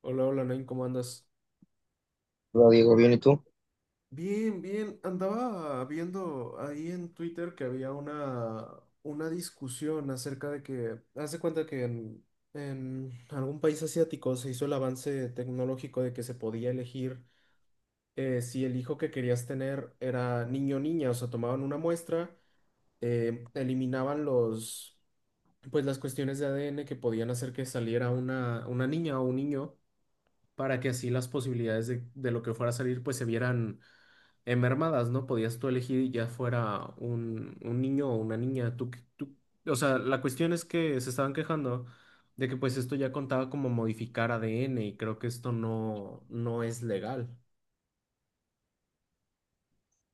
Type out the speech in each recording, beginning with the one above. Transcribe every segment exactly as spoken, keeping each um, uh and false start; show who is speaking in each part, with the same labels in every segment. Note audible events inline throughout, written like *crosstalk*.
Speaker 1: Hola, hola, Nain, ¿cómo andas?
Speaker 2: Hola Diego, bien, ¿y tú?
Speaker 1: Bien, bien. Andaba viendo ahí en Twitter que había una, una discusión acerca de que, hace cuenta que en, en algún país asiático se hizo el avance tecnológico de que se podía elegir eh, si el hijo que querías tener era niño o niña. O sea, tomaban una muestra, eh, eliminaban los, pues las cuestiones de A D N que podían hacer que saliera una, una niña o un niño para que así las posibilidades de, de lo que fuera a salir pues se vieran en mermadas, ¿no? Podías tú elegir ya fuera un, un niño o una niña. Tú, qué- tú, o sea, la cuestión es que se estaban quejando de que pues esto ya contaba como modificar A D N y creo que esto no, no es legal.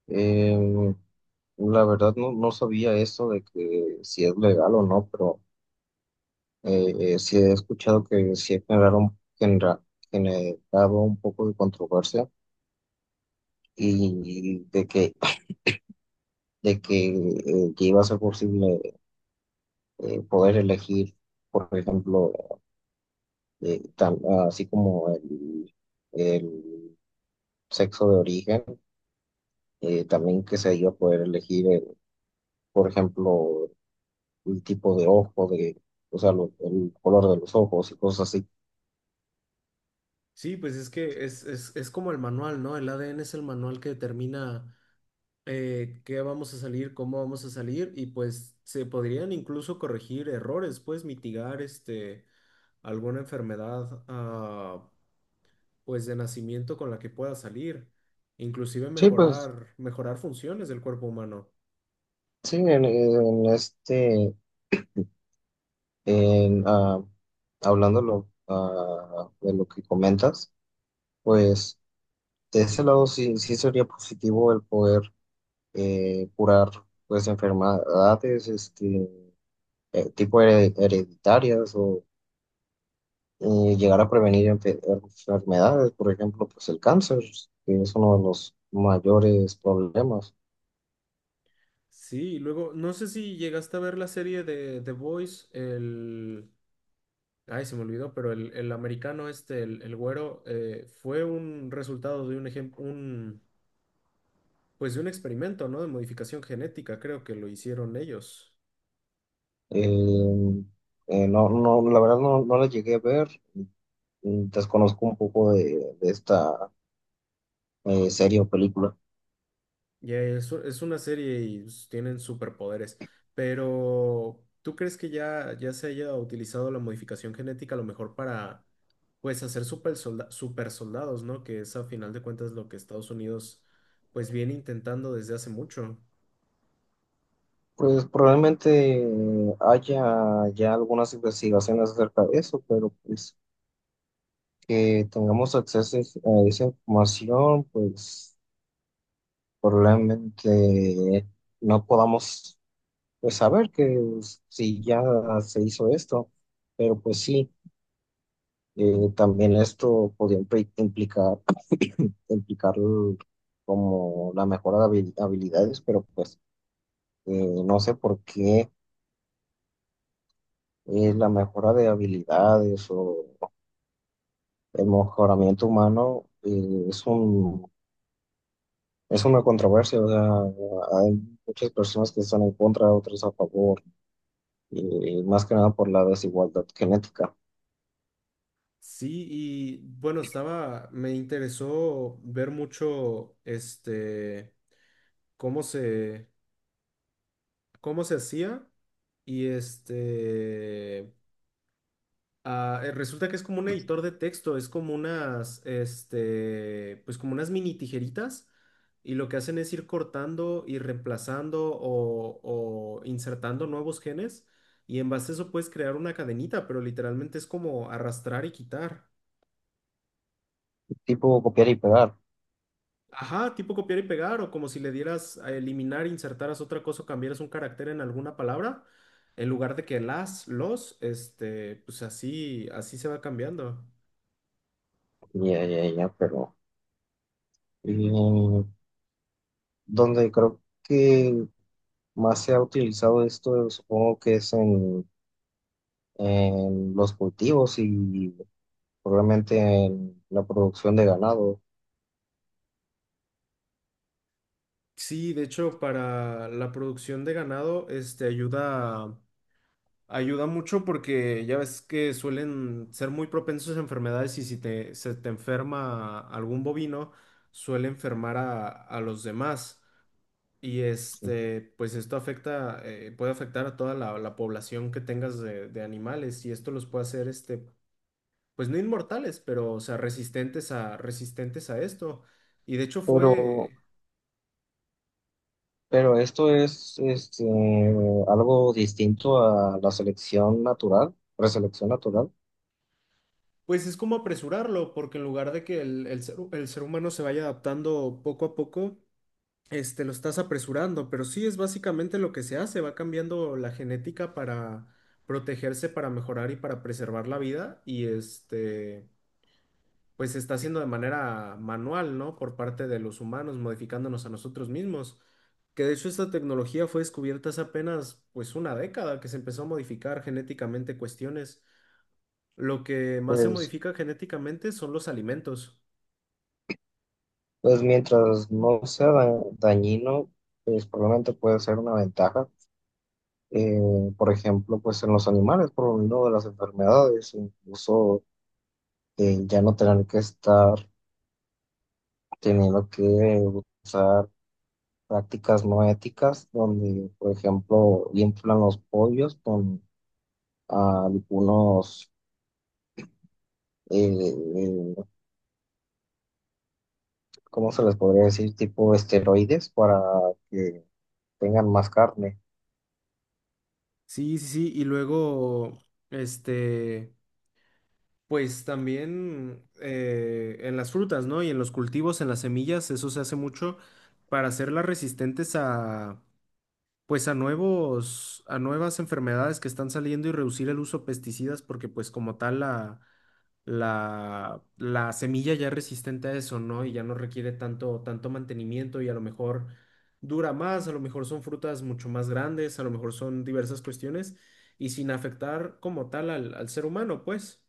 Speaker 2: Eh, la verdad no, no sabía eso de que si es legal o no, pero eh, eh, sí he escuchado que sí generaron, genera- generado un poco de controversia y de que, de que, eh, que iba a ser posible eh, poder elegir, por ejemplo, eh, tan- así como el, el sexo de origen, eh, también que se iba a poder elegir, eh, por ejemplo, el tipo de ojo, de, o sea, lo- el color de los ojos y cosas así.
Speaker 1: Sí, pues es que es, es, es como el manual, ¿no? El A D N es el manual que determina eh, qué vamos a salir, cómo vamos a salir, y pues se podrían incluso corregir errores, pues mitigar este, alguna enfermedad ah, pues de nacimiento con la que pueda salir, inclusive
Speaker 2: Sí, pues
Speaker 1: mejorar, mejorar funciones del cuerpo humano.
Speaker 2: sí, en, en este, en, ah, hablando lo ah, de lo que comentas, pues de ese lado sí, sí sería positivo el poder eh, curar pues enfermedades este, eh, tipo here- hereditarias o eh, llegar a prevenir enfe- enfermedades, por ejemplo, pues el cáncer, que es uno de los mayores problemas.
Speaker 1: Sí, y luego, no sé si llegaste a ver la serie de The Boys, el... Ay, se me olvidó, pero el, el americano este, el, el güero, eh, fue un resultado de un ejemplo, un, pues de un experimento, ¿no? De modificación genética, creo que lo hicieron ellos.
Speaker 2: Eh, eh, no, no, la verdad no, no la llegué a ver. Mm, Desconozco un poco de, de esta eh, serie o película.
Speaker 1: Ya es, u- es una serie y s- tienen superpoderes, pero ¿tú crees que ya, ya se haya utilizado la modificación genética a lo mejor para, pues, hacer super, super soldados? ¿No? Que es a final de cuentas lo que Estados Unidos, pues, viene intentando desde hace mucho.
Speaker 2: Pues probablemente haya ya algunas investigaciones acerca de eso, pero pues que tengamos acceso a esa información, pues probablemente no podamos pues, saber que pues, si ya se hizo esto, pero pues sí. Eh, también esto podría impli- implicar, *clears throat* implicar l- como la mejora de habil- habilidades, pero pues eh, no sé por qué eh, la mejora de habilidades o el mejoramiento humano eh, es un, es una controversia. O sea, hay muchas personas que están en contra, otras a favor, y más que nada por la desigualdad genética,
Speaker 1: Sí, y bueno, estaba, me interesó ver mucho, este, cómo se, cómo se hacía y este... Ah, eh, resulta que es como un editor de texto, es como unas, este, pues como unas mini tijeritas, y lo que hacen es ir cortando y reemplazando o, o insertando nuevos genes, y en base a eso puedes crear una cadenita, pero literalmente es como arrastrar y quitar.
Speaker 2: tipo copiar y pegar,
Speaker 1: Ajá, tipo copiar y pegar, o como si le dieras a eliminar, insertaras otra cosa o cambiaras un carácter en alguna palabra en lugar de que las, los, este, pues así, así se va cambiando.
Speaker 2: ya, ya, ya, pero eh, donde creo que más se ha utilizado esto, supongo que es en, en los cultivos y probablemente en la producción de ganado.
Speaker 1: Sí, de hecho, para la producción de ganado, este ayuda, ayuda mucho porque ya ves que suelen ser muy propensos a enfermedades, y si te, se te enferma algún bovino, suele enfermar a, a los demás. Y
Speaker 2: Sí.
Speaker 1: este, pues esto afecta, eh, puede afectar a toda la, la población que tengas de, de animales, y esto los puede hacer, este, pues no inmortales, pero o sea, resistentes a, resistentes a esto. Y de hecho
Speaker 2: Pero,
Speaker 1: fue.
Speaker 2: pero esto es este, algo distinto a la selección natural, preselección natural.
Speaker 1: Pues es como apresurarlo, porque en lugar de que el, el ser, el ser humano se vaya adaptando poco a poco, este, lo estás apresurando, pero sí es básicamente lo que se hace, va cambiando la genética para protegerse, para mejorar y para preservar la vida, y este, pues se está haciendo de manera manual, ¿no? Por parte de los humanos, modificándonos a nosotros mismos, que de hecho esta tecnología fue descubierta hace apenas, pues, una década que se empezó a modificar genéticamente cuestiones. Lo que más se
Speaker 2: Pues,
Speaker 1: modifica genéticamente son los alimentos.
Speaker 2: pues mientras no sea da- dañino, pues probablemente puede ser una ventaja. Eh, por ejemplo, pues en los animales, por lo menos de las enfermedades, incluso eh, ya no tener que estar teniendo que usar prácticas no éticas, donde, por ejemplo, inflan los pollos con algunos, eh, eh, ¿cómo se les podría decir? Tipo esteroides para que tengan más carne.
Speaker 1: Sí, sí, sí. Y luego, este, pues también eh, en las frutas, ¿no? Y en los cultivos, en las semillas, eso se hace mucho para hacerlas resistentes a, pues a nuevos, a nuevas enfermedades que están saliendo y reducir el uso de pesticidas, porque pues como tal la la, la semilla ya es resistente a eso, ¿no? Y ya no requiere tanto, tanto mantenimiento, y a lo mejor dura más, a lo mejor son frutas mucho más grandes, a lo mejor son diversas cuestiones, y sin afectar como tal al, al ser humano, pues.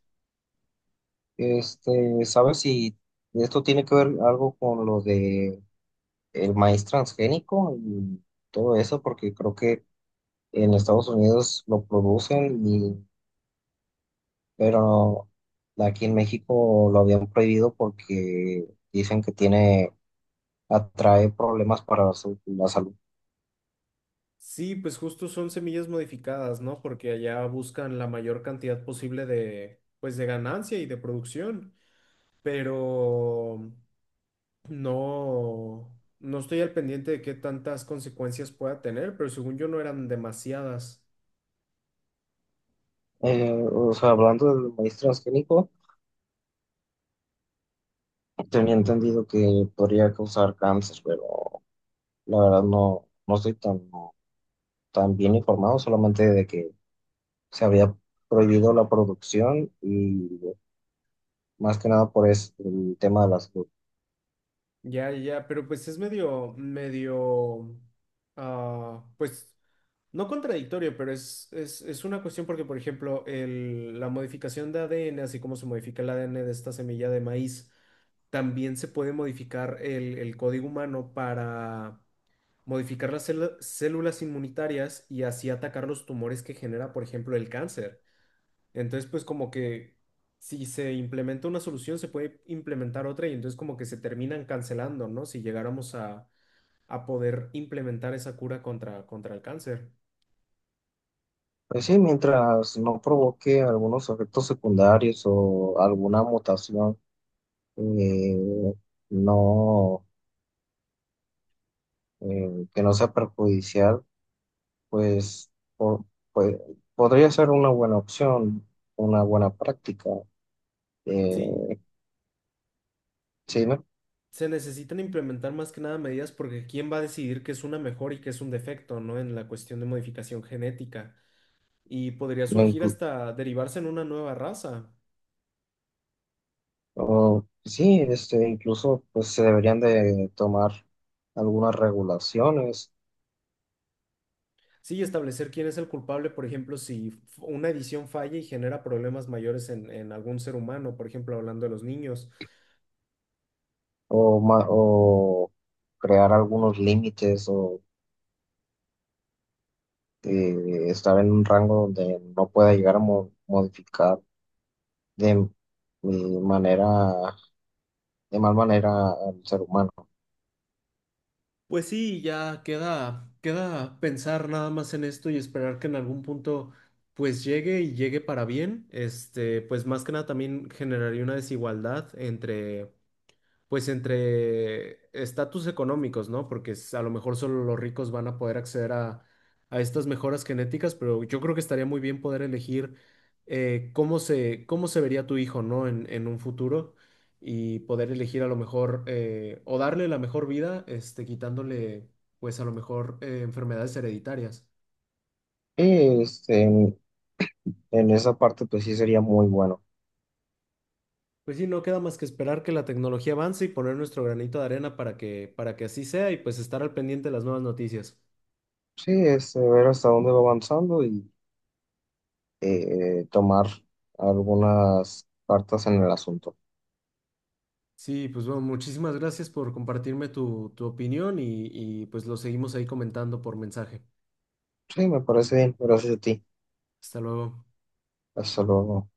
Speaker 2: Este, ¿sabes si esto tiene que ver algo con lo de el maíz transgénico y todo eso? Porque creo que en Estados Unidos lo producen pero no, aquí en México lo habían prohibido porque dicen que tiene, atrae problemas para la, su- la salud.
Speaker 1: Sí, pues justo son semillas modificadas, ¿no? Porque allá buscan la mayor cantidad posible de, pues, de ganancia y de producción. Pero no, no estoy al pendiente de qué tantas consecuencias pueda tener, pero según yo no eran demasiadas.
Speaker 2: Eh, o sea, hablando del maíz transgénico, tenía entendido que podría causar cáncer, pero la verdad no, no estoy tan, tan bien informado, solamente de que se había prohibido la producción y más que nada por es- el tema de la salud.
Speaker 1: Ya, ya, pero pues es medio, medio, ah, pues no contradictorio, pero es, es, es una cuestión porque, por ejemplo, el- la modificación de A D N, así como se modifica el A D N de esta semilla de maíz, también se puede modificar el, el código humano para modificar las celu- células inmunitarias y así atacar los tumores que genera, por ejemplo, el cáncer. Entonces, pues como que si se implementa una solución, se puede implementar otra, y entonces como que se terminan cancelando, ¿no? Si llegáramos a, a poder implementar esa cura contra, contra el cáncer.
Speaker 2: Pues sí, mientras no provoque algunos efectos secundarios o alguna mutación eh, no, eh, que no sea perjudicial, pues, po- pues, podría ser una buena opción, una buena práctica.
Speaker 1: Sí,
Speaker 2: eh, sí, ¿no?
Speaker 1: se necesitan implementar más que nada medidas porque ¿quién va a decidir qué es una mejor y qué es un defecto? ¿No? En la cuestión de modificación genética. Y podría
Speaker 2: No
Speaker 1: surgir
Speaker 2: inclu-
Speaker 1: hasta derivarse en una nueva raza.
Speaker 2: o- sí, este, incluso pues se deberían de tomar algunas regulaciones
Speaker 1: Sí, y establecer quién es el culpable, por ejemplo, si f- una edición falla y genera problemas mayores en, en algún ser humano, por ejemplo, hablando de los niños.
Speaker 2: o, ma- o crear algunos límites o eh, estar en un rango donde no pueda llegar a mo- modificar de eh, manera de mal manera al ser humano.
Speaker 1: Pues sí, ya queda, queda pensar nada más en esto y esperar que en algún punto pues llegue y llegue para bien. Este, pues más que nada también generaría una desigualdad entre pues entre estatus económicos, ¿no? Porque es- a lo mejor solo los ricos van a poder acceder a, a estas mejoras genéticas, pero yo creo que estaría muy bien poder elegir eh, cómo se, cómo se vería tu hijo, ¿no? En, en un futuro, y poder elegir a lo mejor eh, o darle la mejor vida, este, quitándole, pues a lo mejor eh, enfermedades hereditarias.
Speaker 2: Y este, en, en esa parte, pues sí sería muy bueno.
Speaker 1: Pues sí, no queda más que esperar que la tecnología avance y poner nuestro granito de arena para que, para que así sea, y pues estar al pendiente de las nuevas noticias.
Speaker 2: Sí, este, ver hasta dónde va avanzando y eh, tomar algunas cartas en el asunto.
Speaker 1: Sí, pues bueno, muchísimas gracias por compartirme tu, tu opinión y, y pues lo seguimos ahí comentando por mensaje.
Speaker 2: Sí, me parece bien. Gracias a ti.
Speaker 1: Hasta luego.
Speaker 2: Hasta luego.